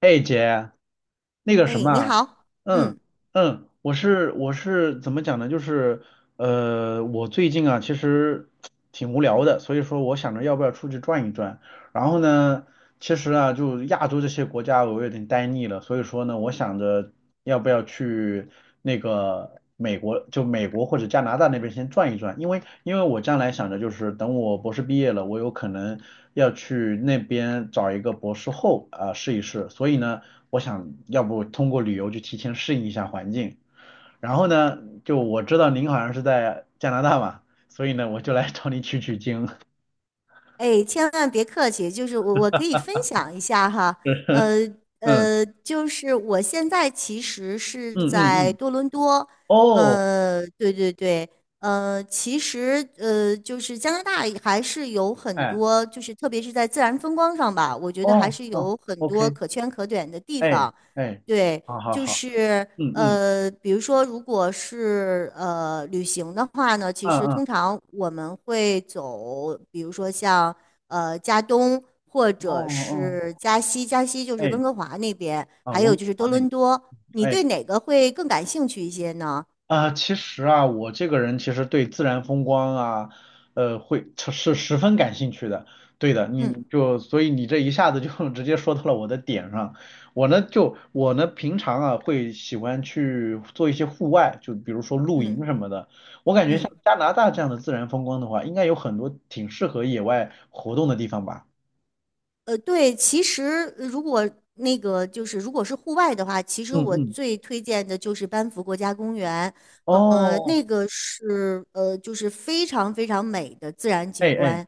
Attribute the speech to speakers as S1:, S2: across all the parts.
S1: 哎姐，那个什
S2: 哎，
S1: 么
S2: 你
S1: 啊。
S2: 好。
S1: 嗯
S2: 嗯。
S1: 嗯，我是怎么讲呢？就是我最近啊其实挺无聊的，所以说我想着要不要出去转一转。然后呢，其实啊就亚洲这些国家我有点呆腻了，所以说呢，我想着要不要去那个美国，就美国或者加拿大那边先转一转，因为我将来想着就是等我博士毕业了，我有可能要去那边找一个博士后啊、试一试，所以呢。我想要不通过旅游去提前适应一下环境。然后呢，就我知道您好像是在加拿大嘛，所以呢，我就来找你取取经。
S2: 哎，千万别客气，就是我可以分享一下哈。呃
S1: 嗯
S2: 就是我现在其实是
S1: 嗯嗯
S2: 在
S1: 嗯。
S2: 多伦多。
S1: 哦。
S2: 对对对。其实就是加拿大还是有很
S1: 哎。
S2: 多，就是特别是在自然风光上吧，我觉得还
S1: 哦
S2: 是
S1: 哦
S2: 有很多
S1: ，OK。
S2: 可圈可点的地
S1: 哎
S2: 方。
S1: 哎。
S2: 对，
S1: 好好
S2: 就
S1: 好。
S2: 是。
S1: 嗯嗯
S2: 比如说，如果是旅行的话呢，其
S1: 嗯
S2: 实
S1: 嗯。
S2: 通常我们会走，比如说像加东或
S1: 哦
S2: 者
S1: 哦。
S2: 是加西，加西就是
S1: 哎。
S2: 温哥华那边，
S1: 啊，
S2: 还有
S1: 温哥
S2: 就是
S1: 华
S2: 多
S1: 那边。
S2: 伦多。你
S1: 哎。
S2: 对哪个会更感兴趣一些呢？
S1: 啊，其实啊，我这个人其实对自然风光啊，会是十分感兴趣的。对的，你
S2: 嗯
S1: 就所以你这一下子就 直接说到了我的点上。我呢就我呢平常啊会喜欢去做一些户外，就比如说露
S2: 嗯
S1: 营什么的。我感觉
S2: 嗯。
S1: 像加拿大这样的自然风光的话，应该有很多挺适合野外活动的地方吧。
S2: 对，其实如果如果是户外的话，其实
S1: 嗯
S2: 我
S1: 嗯。
S2: 最推荐的就是班夫国家公园。
S1: 哦。
S2: 那个是就是非常非常美的自然景
S1: 哎哎。
S2: 观。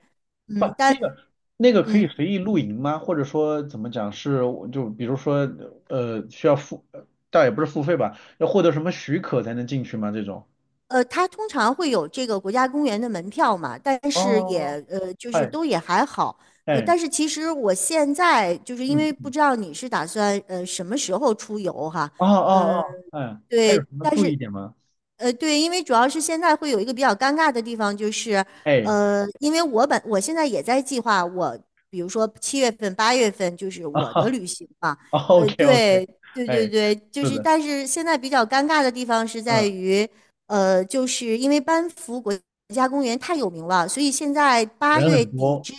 S1: 不，
S2: 嗯，但
S1: 那个可以
S2: 嗯
S1: 随意露营吗？或者说怎么讲是就比如说需要付，倒也不是付费吧，要获得什么许可才能进去吗？这种？
S2: 它通常会有这个国家公园的门票嘛，但是也
S1: 哦。
S2: 就是
S1: 哎
S2: 都也还好。
S1: 哎。
S2: 但是其实我现在就是因为不
S1: 嗯。
S2: 知道你是打算什么时候出游哈。
S1: 哦哦
S2: 嗯。
S1: 哦。哎，他
S2: 对。
S1: 有什么注意点吗？
S2: 对，因为主要是现在会有一个比较尴尬的地方，就是，
S1: 哎。
S2: 因为我现在也在计划我，比如说7月份、8月份就是我的
S1: 啊
S2: 旅行嘛。
S1: ，OK OK。
S2: 对，对对
S1: 哎。
S2: 对，就
S1: 是
S2: 是，
S1: 的。
S2: 但是现在比较尴尬的地方是在
S1: 嗯。
S2: 于，就是因为班夫国家公园太有名了，所以现在八
S1: 人
S2: 月
S1: 很
S2: 底
S1: 多。
S2: 之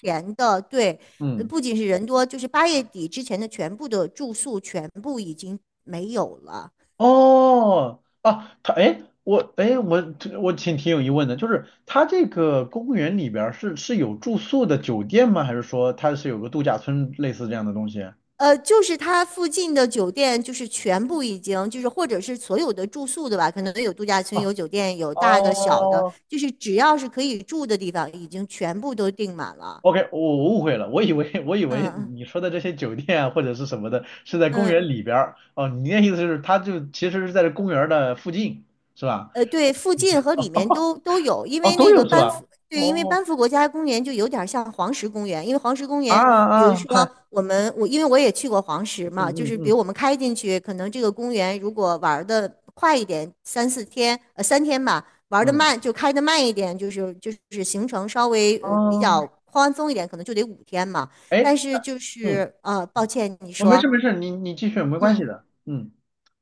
S2: 前的，对。
S1: 嗯。
S2: 不仅是人多，就是八月底之前的全部的住宿全部已经没有了。
S1: 哦，啊，他哎，我哎，我我挺挺有疑问的，就是他这个公园里边儿是有住宿的酒店吗？还是说它是有个度假村类似这样的东西？
S2: 就是它附近的酒店，就是全部已经，就是或者是所有的住宿的吧，可能有度假村、
S1: 哦
S2: 有酒店、有大的、小的，
S1: 哦
S2: 就是只要是可以住的地方，已经全部都订满了。
S1: ，OK，我误会了，我以为我以
S2: 嗯
S1: 为
S2: 嗯。
S1: 你说的这些酒店啊或者是什么的是在公
S2: 嗯
S1: 园里边儿，哦，你的意思就是它就其实是在这公园儿的附近是吧？
S2: 对，附近和里面都有，因
S1: 哦，
S2: 为
S1: 都
S2: 那个
S1: 有是
S2: 班
S1: 吧？
S2: 夫，对，因为
S1: 哦。
S2: 班夫国家公园就有点像黄石公园，因为黄石公
S1: 啊
S2: 园，比如
S1: 啊。嗨。
S2: 说我因为我也去过黄石
S1: 嗯
S2: 嘛，就
S1: 嗯
S2: 是比
S1: 嗯
S2: 如我们开进去，可能这个公园如果玩的快一点，3、4天，3天吧，玩的
S1: 嗯。
S2: 慢就开的慢一点，就是行程稍微比
S1: 哦。
S2: 较宽松一点，可能就得5天嘛。
S1: 哎。
S2: 但是
S1: 那
S2: 就
S1: 嗯
S2: 是抱歉，你
S1: 哦，没
S2: 说。
S1: 事没事，你继续，没关系
S2: 嗯。
S1: 的。嗯。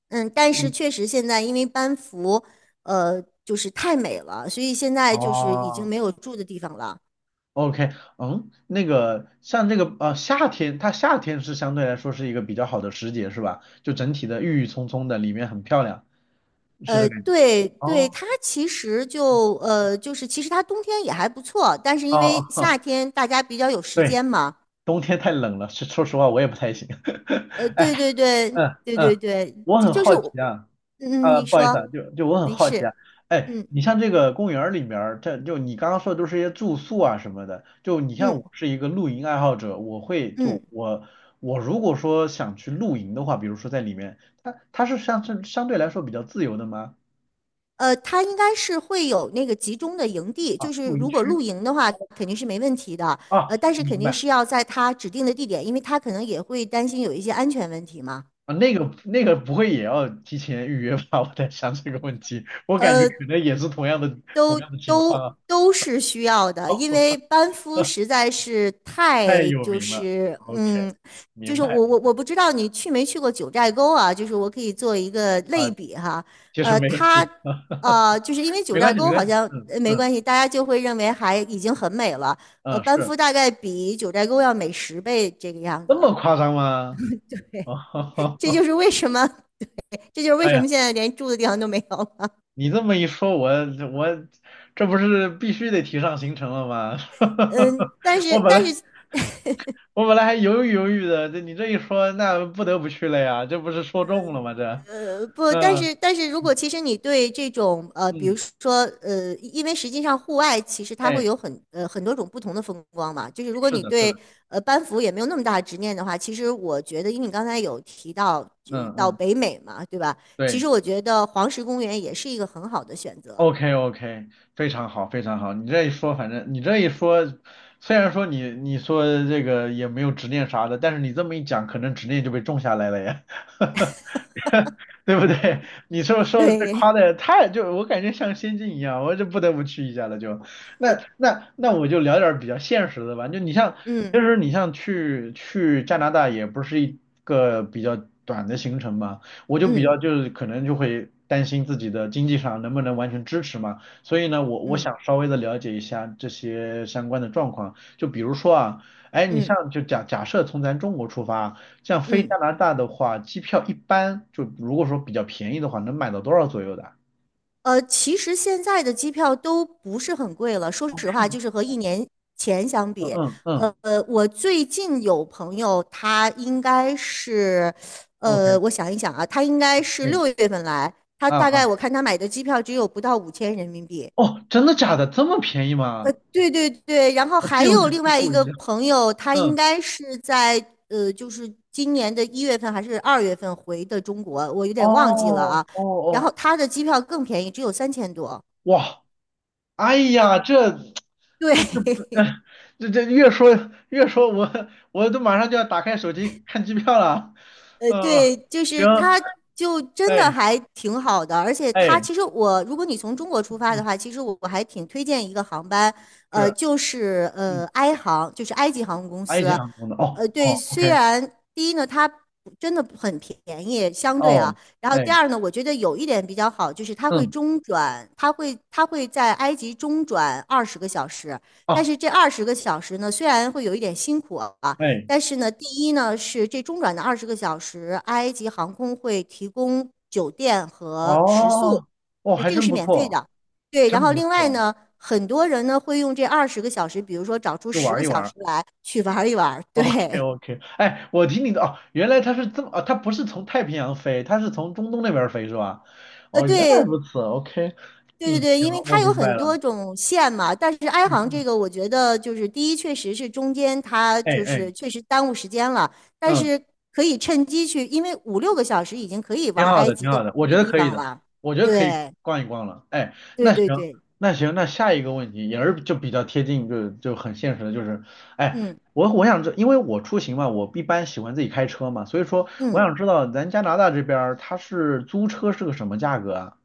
S2: 嗯，但是确实现在因为班服，就是太美了，所以现在就是已经
S1: 哦
S2: 没有住的地方了。
S1: ，OK。嗯，那个像这个夏天，它夏天是相对来说是一个比较好的时节，是吧？就整体的郁郁葱葱的，里面很漂亮，是这感觉。
S2: 对对，
S1: 哦
S2: 它其实就就是其实它冬天也还不错，但是
S1: 哦
S2: 因为夏
S1: 哦。
S2: 天大家比较有 时
S1: 对。
S2: 间嘛。
S1: 冬天太冷了，是说实话我也不太行。哎。
S2: 对对对
S1: 嗯
S2: 对
S1: 嗯。
S2: 对对，
S1: 我很
S2: 就是
S1: 好
S2: 我。
S1: 奇啊。
S2: 嗯，你
S1: 不好意思啊，
S2: 说。
S1: 就我很
S2: 没
S1: 好奇啊，
S2: 事。
S1: 哎，
S2: 嗯
S1: 你像这个公园儿里面儿，这就你刚刚说的都是一些住宿啊什么的，就你像
S2: 嗯
S1: 我是一个露营爱好者，我会
S2: 嗯。
S1: 就我我如果说想去露营的话，比如说在里面，它是相对来说比较自由的吗？
S2: 他应该是会有那个集中的营地，
S1: 啊，
S2: 就是
S1: 露营
S2: 如果
S1: 区。
S2: 露营的话，肯定是没问题的。
S1: 啊，
S2: 但是肯
S1: 明
S2: 定
S1: 白。
S2: 是要在他指定的地点，因为他可能也会担心有一些安全问题嘛。
S1: 啊，那个不会也要提前预约吧？我在想这个问题，我感觉
S2: 呃，
S1: 可能也是同样的同
S2: 都
S1: 样的情况
S2: 都
S1: 啊，
S2: 都是需要 的，因
S1: 哦，
S2: 为班夫实在是
S1: 太
S2: 太
S1: 有
S2: 就
S1: 名了
S2: 是
S1: ，OK，
S2: 嗯，就
S1: 明
S2: 是
S1: 白
S2: 我
S1: 明
S2: 我我不知道你去没去过九寨沟啊，就是我可以做一个
S1: 白。
S2: 类
S1: 啊。
S2: 比哈。
S1: 其实没有
S2: 它
S1: 去啊。
S2: 就 是因为九
S1: 没
S2: 寨
S1: 关系，没
S2: 沟
S1: 关
S2: 好
S1: 系。
S2: 像
S1: 嗯
S2: 没
S1: 嗯
S2: 关系，大家就会认为还已经很美了。
S1: 嗯。
S2: 班
S1: 是
S2: 夫大概比九寨沟要美10倍这个样
S1: 这
S2: 子。
S1: 么夸张吗？
S2: 对，
S1: 哦。
S2: 这就是 为什么。这就是为
S1: 哎
S2: 什
S1: 呀，
S2: 么现在连住的地方都没有了。
S1: 你这么一说，我这不是必须得提上行程了吗？
S2: 嗯，但
S1: 我
S2: 是
S1: 本
S2: 但
S1: 来
S2: 是
S1: 我本来还犹豫犹豫的，这你这一说，那不得不去了呀，这不是说中了吗？这，
S2: 不，但
S1: 嗯
S2: 是但是如果其实你对这种比如
S1: 嗯。
S2: 说因为实际上户外其实它会
S1: 哎，
S2: 有很多种不同的风光嘛，就是如果
S1: 是
S2: 你
S1: 的，是
S2: 对
S1: 的。
S2: 班服也没有那么大的执念的话，其实我觉得，因为你刚才有提到
S1: 嗯
S2: 到
S1: 嗯。
S2: 北美嘛，对吧？其
S1: 对。
S2: 实我觉得黄石公园也是一个很好的选择。
S1: OK OK，非常好，非常好。你这一说，反正你这一说，虽然说你说这个也没有执念啥的，但是你这么一讲，可能执念就被种下来了呀。对不对？你说说的这
S2: 对。
S1: 夸的太就我感觉像仙境一样，我就不得不去一下了就。那我就聊点儿比较现实的吧，就你像其
S2: 嗯
S1: 实你像去加拿大也不是一个比较短的行程嘛，我就比
S2: 嗯
S1: 较就是可能就会担心自己的经济上能不能完全支持嘛，所以呢我
S2: 嗯
S1: 想稍微的了解一下这些相关的状况，就比如说啊，哎你
S2: 嗯
S1: 像就假设从咱中国出发。像飞
S2: 嗯。
S1: 加拿大的话，机票一般就如果说比较便宜的话，能买到多少左右的啊。
S2: 其实现在的机票都不是很贵了，说实
S1: 哦。
S2: 话，就是和1年前相
S1: 嗯
S2: 比。
S1: 嗯
S2: 呃，
S1: 嗯
S2: 我最近有朋友，他应该是，
S1: ，OK。
S2: 我想一想啊，他应该是
S1: 哎。
S2: 6月份来，他
S1: 啊
S2: 大
S1: 啊。
S2: 概我看他买的机票只有不到5000人民币。
S1: 哦，真的假的？这么便宜吗？
S2: 对对对，然后
S1: 我这
S2: 还
S1: 有
S2: 有
S1: 点
S2: 另
S1: 出
S2: 外
S1: 乎
S2: 一
S1: 我意
S2: 个
S1: 料。
S2: 朋友，他应
S1: 嗯。
S2: 该是在就是今年的1月份还是2月份回的中国，我有点忘记了
S1: 哦
S2: 啊。
S1: 哦
S2: 然后
S1: 哦。
S2: 他的机票更便宜，只有3000多。
S1: 哇。哎呀，这不是
S2: 对。
S1: 不，这越说我都马上就要打开手机看机票了。嗯。
S2: 对，就
S1: 行。
S2: 是他就真的
S1: 哎
S2: 还挺好的，而且他
S1: 哎。
S2: 其实我，如果你从中国出发的
S1: 嗯。
S2: 话，其实我还挺推荐一个航班。
S1: 是。
S2: 就是
S1: 嗯。
S2: 埃航，就是埃及航空公
S1: 埃及
S2: 司。
S1: 航空的，哦
S2: 对，
S1: 哦
S2: 虽
S1: ，OK。
S2: 然第一呢，它真的很便宜，相对啊，
S1: 哦。
S2: 然后第
S1: 哎。
S2: 二呢，我觉得有一点比较好，就是它会
S1: 嗯。
S2: 中转，它会在埃及中转二十个小时，但
S1: 哦。
S2: 是这二十个小时呢，虽然会有一点辛苦啊。
S1: 哎。
S2: 但是呢，第一呢是这中转的二十个小时，埃及航空会提供酒店和食宿，
S1: 哦。哦，
S2: 就
S1: 还
S2: 这个
S1: 真
S2: 是
S1: 不
S2: 免费
S1: 错。
S2: 的。对，然
S1: 真
S2: 后
S1: 不
S2: 另外
S1: 错。
S2: 呢，很多人呢会用这二十个小时，比如说找出
S1: 就
S2: 十
S1: 玩
S2: 个
S1: 一
S2: 小
S1: 玩。
S2: 时来去玩一玩。对。
S1: OK OK，哎，我听你的哦，原来它是这么哦，它不是从太平洋飞，它是从中东那边儿飞是吧？哦，原来
S2: 对
S1: 如此，OK。
S2: 对对
S1: 嗯，
S2: 对，
S1: 行
S2: 因为
S1: 了，我
S2: 它有
S1: 明白
S2: 很
S1: 了。
S2: 多种线嘛，但是埃
S1: 嗯
S2: 航这
S1: 嗯。
S2: 个，我觉得就是第一，确实是中间它
S1: 哎
S2: 就
S1: 哎。
S2: 是确实耽误时间了，但
S1: 嗯。
S2: 是可以趁机去，因为5、6个小时已经可以
S1: 挺
S2: 玩
S1: 好
S2: 埃
S1: 的，
S2: 及
S1: 挺
S2: 的
S1: 好的，我
S2: 一
S1: 觉
S2: 个
S1: 得
S2: 地
S1: 可以
S2: 方
S1: 的，
S2: 了。
S1: 我觉得可以
S2: 对
S1: 逛一逛了。哎，
S2: 对
S1: 那
S2: 对
S1: 行，
S2: 对。
S1: 那行，那下一个问题也是就比较贴近，就很现实的，就是，哎，
S2: 嗯
S1: 我我想知，因为我出行嘛，我一般喜欢自己开车嘛，所以说我
S2: 嗯。
S1: 想知道咱加拿大这边儿它是租车是个什么价格啊？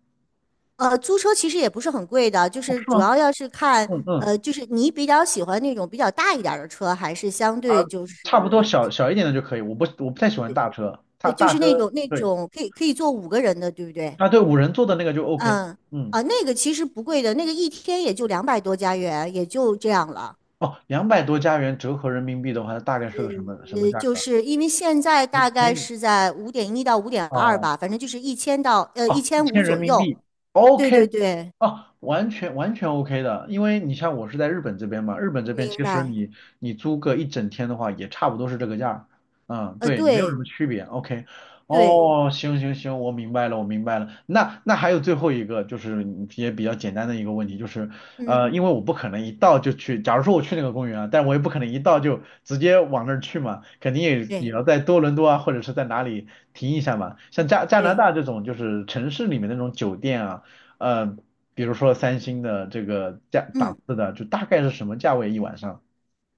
S2: 租车其实也不是很贵的，就
S1: 哦，
S2: 是
S1: 是
S2: 主
S1: 吗？
S2: 要要是看，
S1: 嗯嗯。
S2: 就是你比较喜欢那种比较大一点儿的车，还是相
S1: 啊，
S2: 对就
S1: 差不多
S2: 是，
S1: 小小一点的就可以，我不太喜欢大车，大
S2: 就
S1: 大
S2: 是
S1: 车，
S2: 那种那
S1: 对。
S2: 种可以坐5个人的，对不对？
S1: 啊对，5人座的那个就 OK。
S2: 嗯。
S1: 嗯。
S2: 啊，那个其实不贵的，那个一天也就两百多加元，也就这样了。
S1: 哦，200多加元折合人民币的话，大概是个什么价
S2: 就
S1: 格啊。
S2: 是因为现在大
S1: 可
S2: 概
S1: 以。
S2: 是在5.1到5.2
S1: 啊。
S2: 吧，反正就是一千到一
S1: 哦，一
S2: 千五
S1: 千人
S2: 左
S1: 民
S2: 右。
S1: 币
S2: 对对
S1: ，OK。
S2: 对。
S1: 啊，完全 OK 的，因为你像我是在日本这边嘛，日本这边
S2: 明
S1: 其实
S2: 白。
S1: 你租个一整天的话，也差不多是这个价儿。嗯，对，没有什么
S2: 对
S1: 区别，OK。
S2: 对。
S1: 哦，行行行，我明白了，我明白了，那还有最后一个就是也比较简单的一个问题，就是
S2: 嗯，
S1: 因为我不可能一到就去，假如说我去那个公园啊，但我也不可能一到就直接往那儿去嘛，肯定也
S2: 对
S1: 要在多伦多啊，或者是在哪里停一下嘛。像加加拿
S2: 对。
S1: 大这种就是城市里面那种酒店啊，呃，比如说三星的这个价档
S2: 嗯。
S1: 次的，就大概是什么价位一晚上？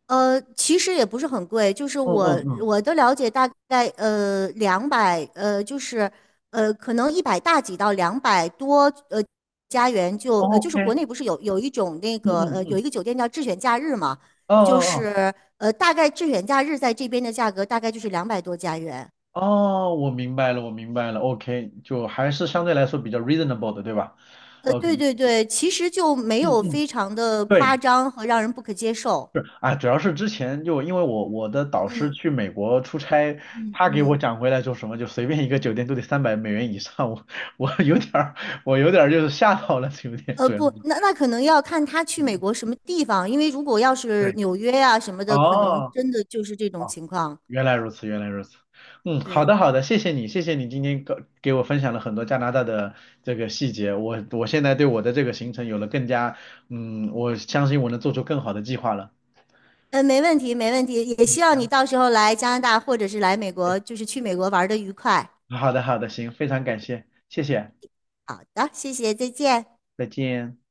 S2: 其实也不是很贵，就是
S1: 嗯嗯
S2: 我
S1: 嗯
S2: 我的了解大概两百就是可能一百大几到两百多呃加元就就是
S1: ，OK。
S2: 国内不是有一种那
S1: 嗯
S2: 个
S1: 嗯
S2: 有
S1: 嗯。
S2: 一个酒店叫智选假日嘛，
S1: 哦
S2: 就
S1: 哦
S2: 是大概智选假日在这边的价格大概就是两百多加元。
S1: 哦哦，我明白了，我明白了，OK，就还是相对来说比较 reasonable 的，对吧？OK。
S2: 对对对，其实就没
S1: 嗯
S2: 有
S1: 嗯。
S2: 非常的夸
S1: 对。
S2: 张和让人不可接受。
S1: 是啊，主要是之前就因为我的导师
S2: 嗯
S1: 去美国出差，
S2: 嗯
S1: 他给我
S2: 嗯。
S1: 讲回来说什么，就随便一个酒店都得300美元以上，我有点儿我有点儿就是吓到了，有点主要是。
S2: 不，那那可能要看他去美
S1: 嗯。
S2: 国什么地方，因为如果要是
S1: 对。
S2: 纽约呀、什么的，可能
S1: 哦
S2: 真的就是这种
S1: 哦，
S2: 情况。
S1: 原来如此，原来如此。嗯，好
S2: 对。
S1: 的好的，谢谢你，谢谢你今天给我分享了很多加拿大的这个细节，我现在对我的这个行程有了更加，嗯，我相信我能做出更好的计划了。
S2: 没问题，没问题，也希望
S1: 嗯，
S2: 你到时候来加拿大或者是来美国，就是去美国玩的愉快。
S1: 好的好的，行，非常感谢，谢谢，
S2: 好的，谢谢，再见。
S1: 再见。